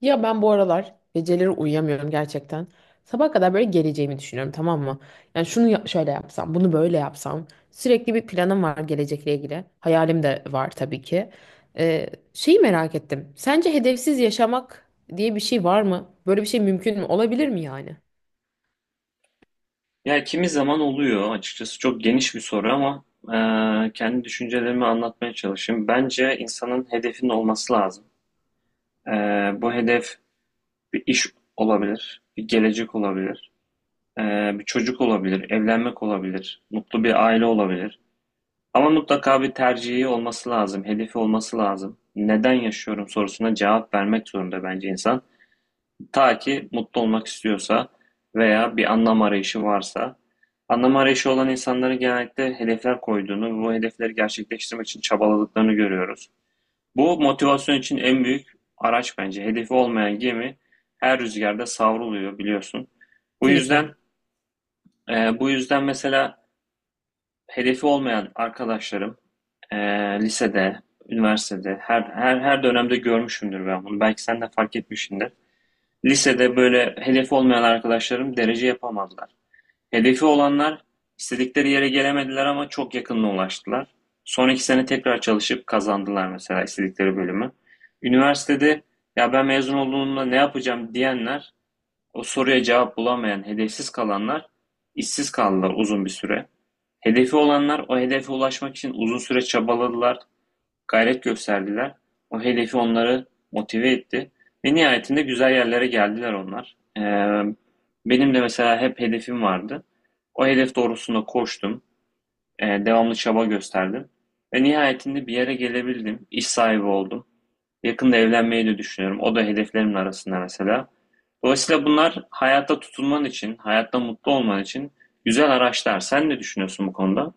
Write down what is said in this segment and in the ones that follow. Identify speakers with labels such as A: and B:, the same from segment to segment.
A: Ya ben bu aralar geceleri uyuyamıyorum gerçekten. Sabaha kadar böyle geleceğimi düşünüyorum, tamam mı? Yani şöyle yapsam, bunu böyle yapsam. Sürekli bir planım var gelecekle ilgili. Hayalim de var tabii ki. Şeyi merak ettim. Sence hedefsiz yaşamak diye bir şey var mı? Böyle bir şey mümkün mü? Olabilir mi yani?
B: Ya kimi zaman oluyor açıkçası çok geniş bir soru ama kendi düşüncelerimi anlatmaya çalışayım. Bence insanın hedefinin olması lazım. E, bu hedef bir iş olabilir, bir gelecek olabilir, e, bir çocuk olabilir, evlenmek olabilir, mutlu bir aile olabilir. Ama mutlaka bir tercihi olması lazım, hedefi olması lazım. Neden yaşıyorum sorusuna cevap vermek zorunda bence insan. Ta ki mutlu olmak istiyorsa veya bir anlam arayışı varsa, anlam arayışı olan insanların genellikle hedefler koyduğunu ve bu hedefleri gerçekleştirmek için çabaladıklarını görüyoruz. Bu motivasyon için en büyük araç bence. Hedefi olmayan gemi her rüzgarda savruluyor biliyorsun. Bu yüzden
A: Kesinlikle.
B: bu yüzden mesela hedefi olmayan arkadaşlarım e, lisede, üniversitede her dönemde görmüşümdür ben bunu. Belki sen de fark etmişsindir. Lisede böyle hedefi olmayan arkadaşlarım derece yapamadılar. Hedefi olanlar istedikleri yere gelemediler ama çok yakınına ulaştılar. Son iki sene tekrar çalışıp kazandılar mesela istedikleri bölümü. Üniversitede ya ben mezun olduğumda ne yapacağım diyenler, o soruya cevap bulamayan, hedefsiz kalanlar işsiz kaldılar uzun bir süre. Hedefi olanlar o hedefe ulaşmak için uzun süre çabaladılar, gayret gösterdiler, o hedefi onları motive etti ve nihayetinde güzel yerlere geldiler onlar. Benim de mesela hep hedefim vardı. O hedef doğrusunda koştum, devamlı çaba gösterdim ve nihayetinde bir yere gelebildim, iş sahibi oldum. Yakında evlenmeyi de düşünüyorum. O da hedeflerimin arasında mesela. Dolayısıyla bunlar hayatta tutunman için, hayatta mutlu olman için güzel araçlar. Sen ne düşünüyorsun bu konuda?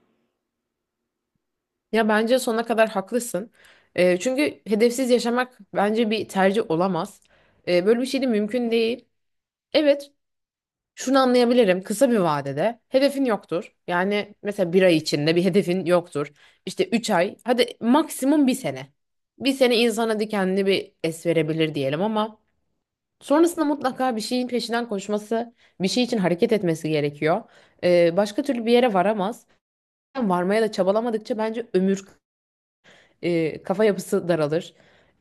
A: Ya bence sonuna kadar haklısın. Çünkü hedefsiz yaşamak bence bir tercih olamaz. Böyle bir şey de mümkün değil. Evet, şunu anlayabilirim. Kısa bir vadede hedefin yoktur. Yani mesela bir ay içinde bir hedefin yoktur. İşte üç ay, hadi maksimum bir sene. Bir sene insana hadi kendini bir es verebilir diyelim, ama sonrasında mutlaka bir şeyin peşinden koşması, bir şey için hareket etmesi gerekiyor. Başka türlü bir yere varamaz. Varmaya da çabalamadıkça bence kafa yapısı daralır.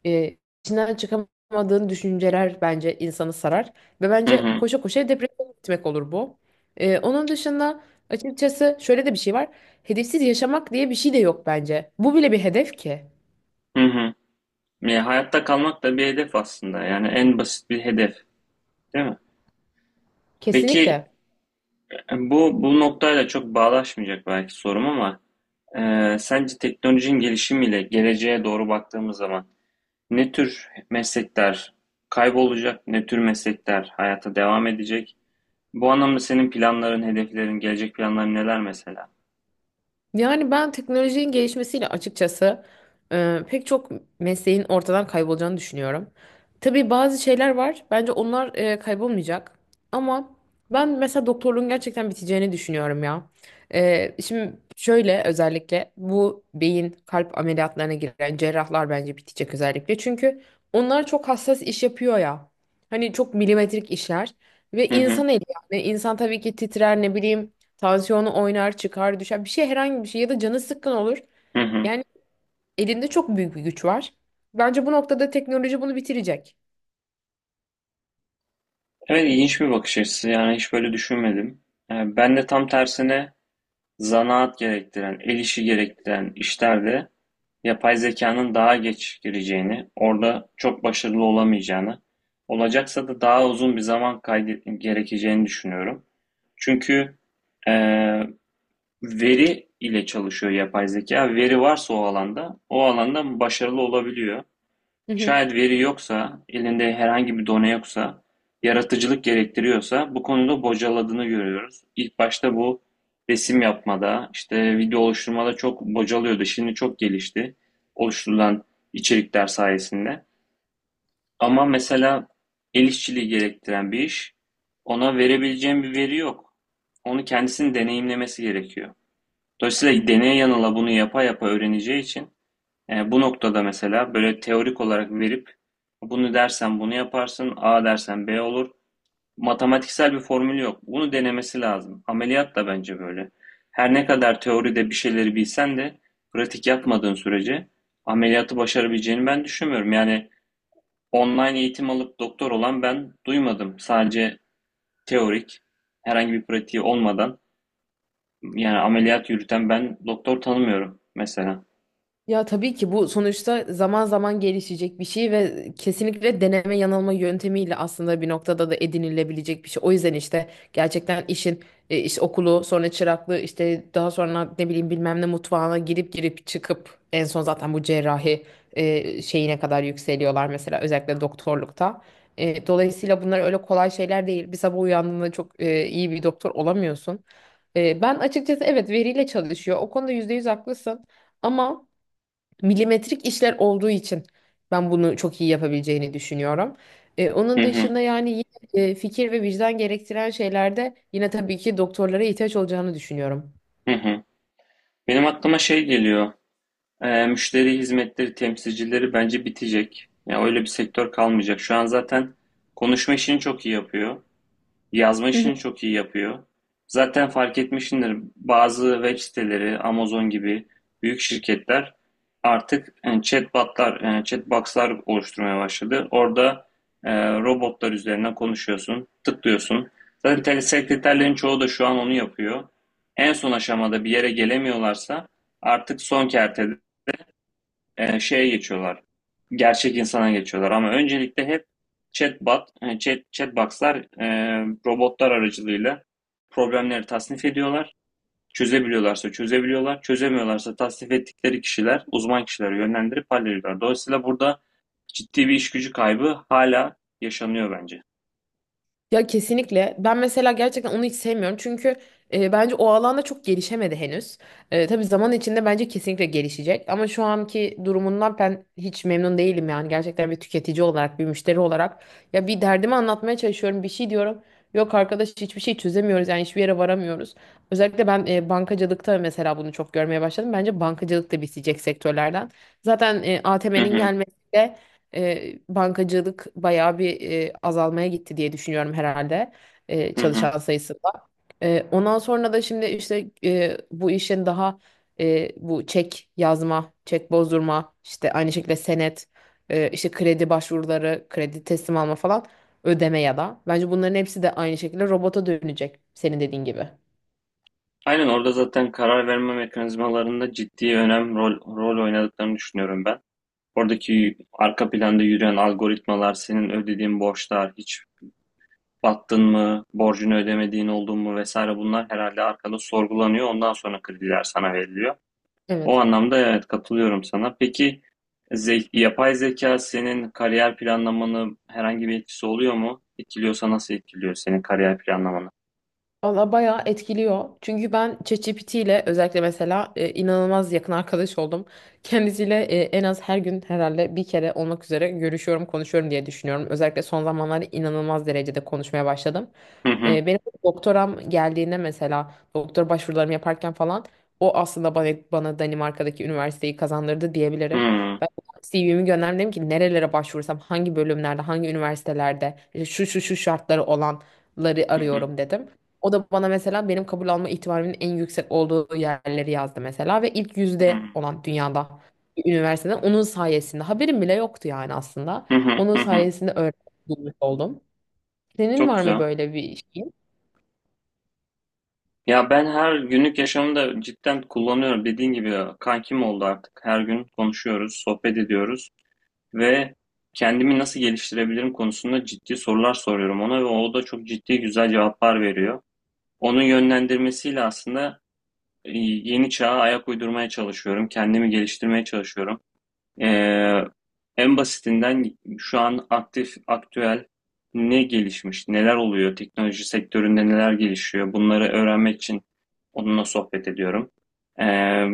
A: E, içinden çıkamadığın düşünceler bence insanı sarar. Ve
B: Hı
A: bence
B: hı.
A: koşa koşa depresyona gitmek olur bu. Onun dışında açıkçası şöyle de bir şey var. Hedefsiz yaşamak diye bir şey de yok bence. Bu bile bir hedef ki.
B: Hı hı. Ya hayatta kalmak da bir hedef aslında. Yani en basit bir hedef, değil mi? Peki
A: Kesinlikle.
B: bu noktayla çok bağdaşmayacak belki sorum ama sence teknolojinin gelişimiyle geleceğe doğru baktığımız zaman ne tür meslekler kaybolacak, ne tür meslekler hayata devam edecek? Bu anlamda senin planların, hedeflerin, gelecek planların neler mesela?
A: Yani ben teknolojinin gelişmesiyle açıkçası pek çok mesleğin ortadan kaybolacağını düşünüyorum. Tabii bazı şeyler var. Bence onlar kaybolmayacak. Ama ben mesela doktorluğun gerçekten biteceğini düşünüyorum ya. Şimdi şöyle, özellikle bu beyin kalp ameliyatlarına giren cerrahlar bence bitecek özellikle. Çünkü onlar çok hassas iş yapıyor ya. Hani çok milimetrik işler ve
B: Hı hı,
A: insan eli, yani insan tabii ki titrer, ne bileyim, tansiyonu oynar, çıkar, düşer. Bir şey herhangi bir şey ya da canı sıkkın olur.
B: hı hı.
A: Yani elinde çok büyük bir güç var. Bence bu noktada teknoloji bunu bitirecek.
B: Evet, ilginç bir bakış açısı. Yani hiç böyle düşünmedim. E, ben de tam tersine zanaat gerektiren, el işi gerektiren işlerde yapay zekanın daha geç gireceğini, orada çok başarılı olamayacağını, olacaksa da daha uzun bir zaman gerekeceğini düşünüyorum. Çünkü eee, veri ile çalışıyor yapay zeka. Veri varsa o alanda, o alanda başarılı olabiliyor. Şayet veri yoksa, elinde herhangi bir done yoksa, yaratıcılık gerektiriyorsa bu konuda bocaladığını görüyoruz. İlk başta bu resim yapmada, işte video oluşturmada çok bocalıyordu. Şimdi çok gelişti oluşturulan içerikler sayesinde. Ama mesela el işçiliği gerektiren bir iş, ona verebileceğim bir veri yok. Onu kendisinin deneyimlemesi gerekiyor. Dolayısıyla deneye yanıla bunu yapa yapa öğreneceği için bu noktada mesela böyle teorik olarak verip bunu dersen bunu yaparsın, A dersen B olur. Matematiksel bir formülü yok. Bunu denemesi lazım. Ameliyat da bence böyle. Her ne kadar teoride bir şeyleri bilsen de pratik yapmadığın sürece ameliyatı başarabileceğini ben düşünmüyorum. Yani online eğitim alıp doktor olan ben duymadım. Sadece teorik, herhangi bir pratiği olmadan yani ameliyat yürüten ben doktor tanımıyorum mesela.
A: Ya tabii ki bu sonuçta zaman zaman gelişecek bir şey ve kesinlikle deneme yanılma yöntemiyle aslında bir noktada da edinilebilecek bir şey. O yüzden işte gerçekten iş okulu, sonra çıraklığı, işte daha sonra ne bileyim bilmem ne mutfağına girip çıkıp en son zaten bu şeyine kadar yükseliyorlar mesela, özellikle doktorlukta. Dolayısıyla bunlar öyle kolay şeyler değil. Bir sabah uyandığında çok iyi bir doktor olamıyorsun. Ben açıkçası, evet, veriyle çalışıyor. O konuda %100 haklısın, ama milimetrik işler olduğu için ben bunu çok iyi yapabileceğini düşünüyorum.
B: Hı
A: Onun
B: hı,
A: dışında yani yine, fikir ve vicdan gerektiren şeylerde yine tabii ki doktorlara ihtiyaç olacağını düşünüyorum.
B: hı hı. Benim aklıma şey geliyor. Müşteri hizmetleri temsilcileri bence bitecek. Yani öyle bir sektör kalmayacak. Şu an zaten konuşma işini çok iyi yapıyor. Yazma işini çok iyi yapıyor. Zaten fark etmişsindir, bazı web siteleri, Amazon gibi büyük şirketler artık chatbotlar, chatboxlar oluşturmaya başladı. Orada robotlar üzerinden konuşuyorsun, tıklıyorsun. Zaten telesekreterlerin çoğu da şu an onu yapıyor. En son aşamada bir yere gelemiyorlarsa artık son kertede şeye geçiyorlar. Gerçek insana geçiyorlar ama öncelikle hep chatbot, chatbox'lar e, robotlar aracılığıyla problemleri tasnif ediyorlar. Çözebiliyorlarsa çözebiliyorlar, çözemiyorlarsa tasnif ettikleri kişiler, uzman kişileri yönlendirip hallediyorlar. Dolayısıyla burada ciddi bir iş gücü kaybı hala yaşanıyor bence.
A: Ya kesinlikle. Ben mesela gerçekten onu hiç sevmiyorum. Çünkü bence o alanda çok gelişemedi henüz. Tabii zaman içinde bence kesinlikle gelişecek. Ama şu anki durumundan ben hiç memnun değilim yani. Gerçekten bir tüketici olarak, bir müşteri olarak. Ya bir derdimi anlatmaya çalışıyorum, bir şey diyorum. Yok arkadaş, hiçbir şey çözemiyoruz, yani hiçbir yere varamıyoruz. Özellikle ben bankacılıkta mesela bunu çok görmeye başladım. Bence bankacılık da bitecek sektörlerden. Zaten
B: Hı
A: ATM'nin
B: hı,
A: gelmesi, bankacılık bayağı bir azalmaya gitti diye düşünüyorum herhalde,
B: hı hı.
A: çalışan sayısında. Ondan sonra da şimdi bu işin bu çek yazma, çek bozdurma, işte aynı şekilde senet, işte kredi başvuruları, kredi teslim alma falan, ödeme ya da. Bence bunların hepsi de aynı şekilde robota dönecek, senin dediğin gibi.
B: Aynen, orada zaten karar verme mekanizmalarında ciddi önem rol oynadıklarını düşünüyorum ben. Oradaki arka planda yürüyen algoritmalar, senin ödediğin borçlar, hiç battın mı, borcunu ödemediğin oldun mu vesaire bunlar herhalde arkada sorgulanıyor. Ondan sonra krediler sana veriliyor. O
A: Evet.
B: anlamda evet, katılıyorum sana. Peki yapay zeka senin kariyer planlamanı herhangi bir etkisi oluyor mu? Etkiliyorsa nasıl etkiliyor senin kariyer planlamanı?
A: Valla bayağı etkiliyor. Çünkü ben ChatGPT ile özellikle mesela inanılmaz yakın arkadaş oldum. Kendisiyle en az her gün herhalde bir kere olmak üzere görüşüyorum, konuşuyorum diye düşünüyorum. Özellikle son zamanlarda inanılmaz derecede konuşmaya başladım.
B: Hı hı.
A: Benim doktoram geldiğinde mesela doktor başvurularımı yaparken falan o aslında bana Danimarka'daki üniversiteyi kazandırdı
B: Hı
A: diyebilirim.
B: hı.
A: Ben CV'mi gönderdim, dedim ki nerelere başvursam, hangi bölümlerde hangi üniversitelerde, işte şu şu şu şartları olanları
B: Hı hı.
A: arıyorum dedim. O da bana mesela benim kabul alma ihtimalimin en yüksek olduğu yerleri yazdı mesela, ve ilk
B: Hı hı.
A: yüzde olan dünyada bir üniversiteden onun sayesinde haberim bile yoktu yani aslında.
B: Hı hı.
A: Onun
B: Hı hı.
A: sayesinde öğrenmiş oldum. Senin
B: Çok
A: var mı
B: güzel.
A: böyle bir şey?
B: Ya ben her günlük yaşamımda cidden kullanıyorum. Dediğin gibi kankim oldu artık. Her gün konuşuyoruz, sohbet ediyoruz ve kendimi nasıl geliştirebilirim konusunda ciddi sorular soruyorum ona ve o da çok ciddi güzel cevaplar veriyor. Onun yönlendirmesiyle aslında yeni çağa ayak uydurmaya çalışıyorum, kendimi geliştirmeye çalışıyorum. Ee, En basitinden şu an aktif, aktüel ne gelişmiş, neler oluyor, teknoloji sektöründe neler gelişiyor, bunları öğrenmek için onunla sohbet ediyorum. Ee,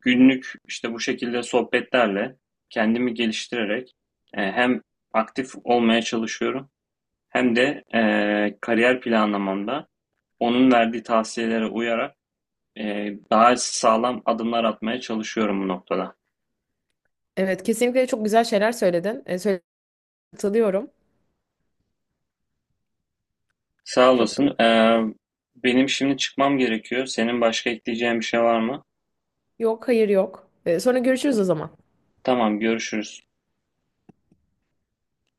B: Günlük işte bu şekilde sohbetlerle kendimi geliştirerek hem aktif olmaya çalışıyorum hem de kariyer planlamamda onun verdiği tavsiyelere uyarak e, daha sağlam adımlar atmaya çalışıyorum bu noktada.
A: Evet, kesinlikle çok güzel şeyler söyledin. Katılıyorum.
B: Sağ
A: Çok da...
B: olasın. Benim şimdi çıkmam gerekiyor. Senin başka ekleyeceğin bir şey var mı?
A: Yok, hayır, yok. Sonra görüşürüz o zaman.
B: Tamam, görüşürüz.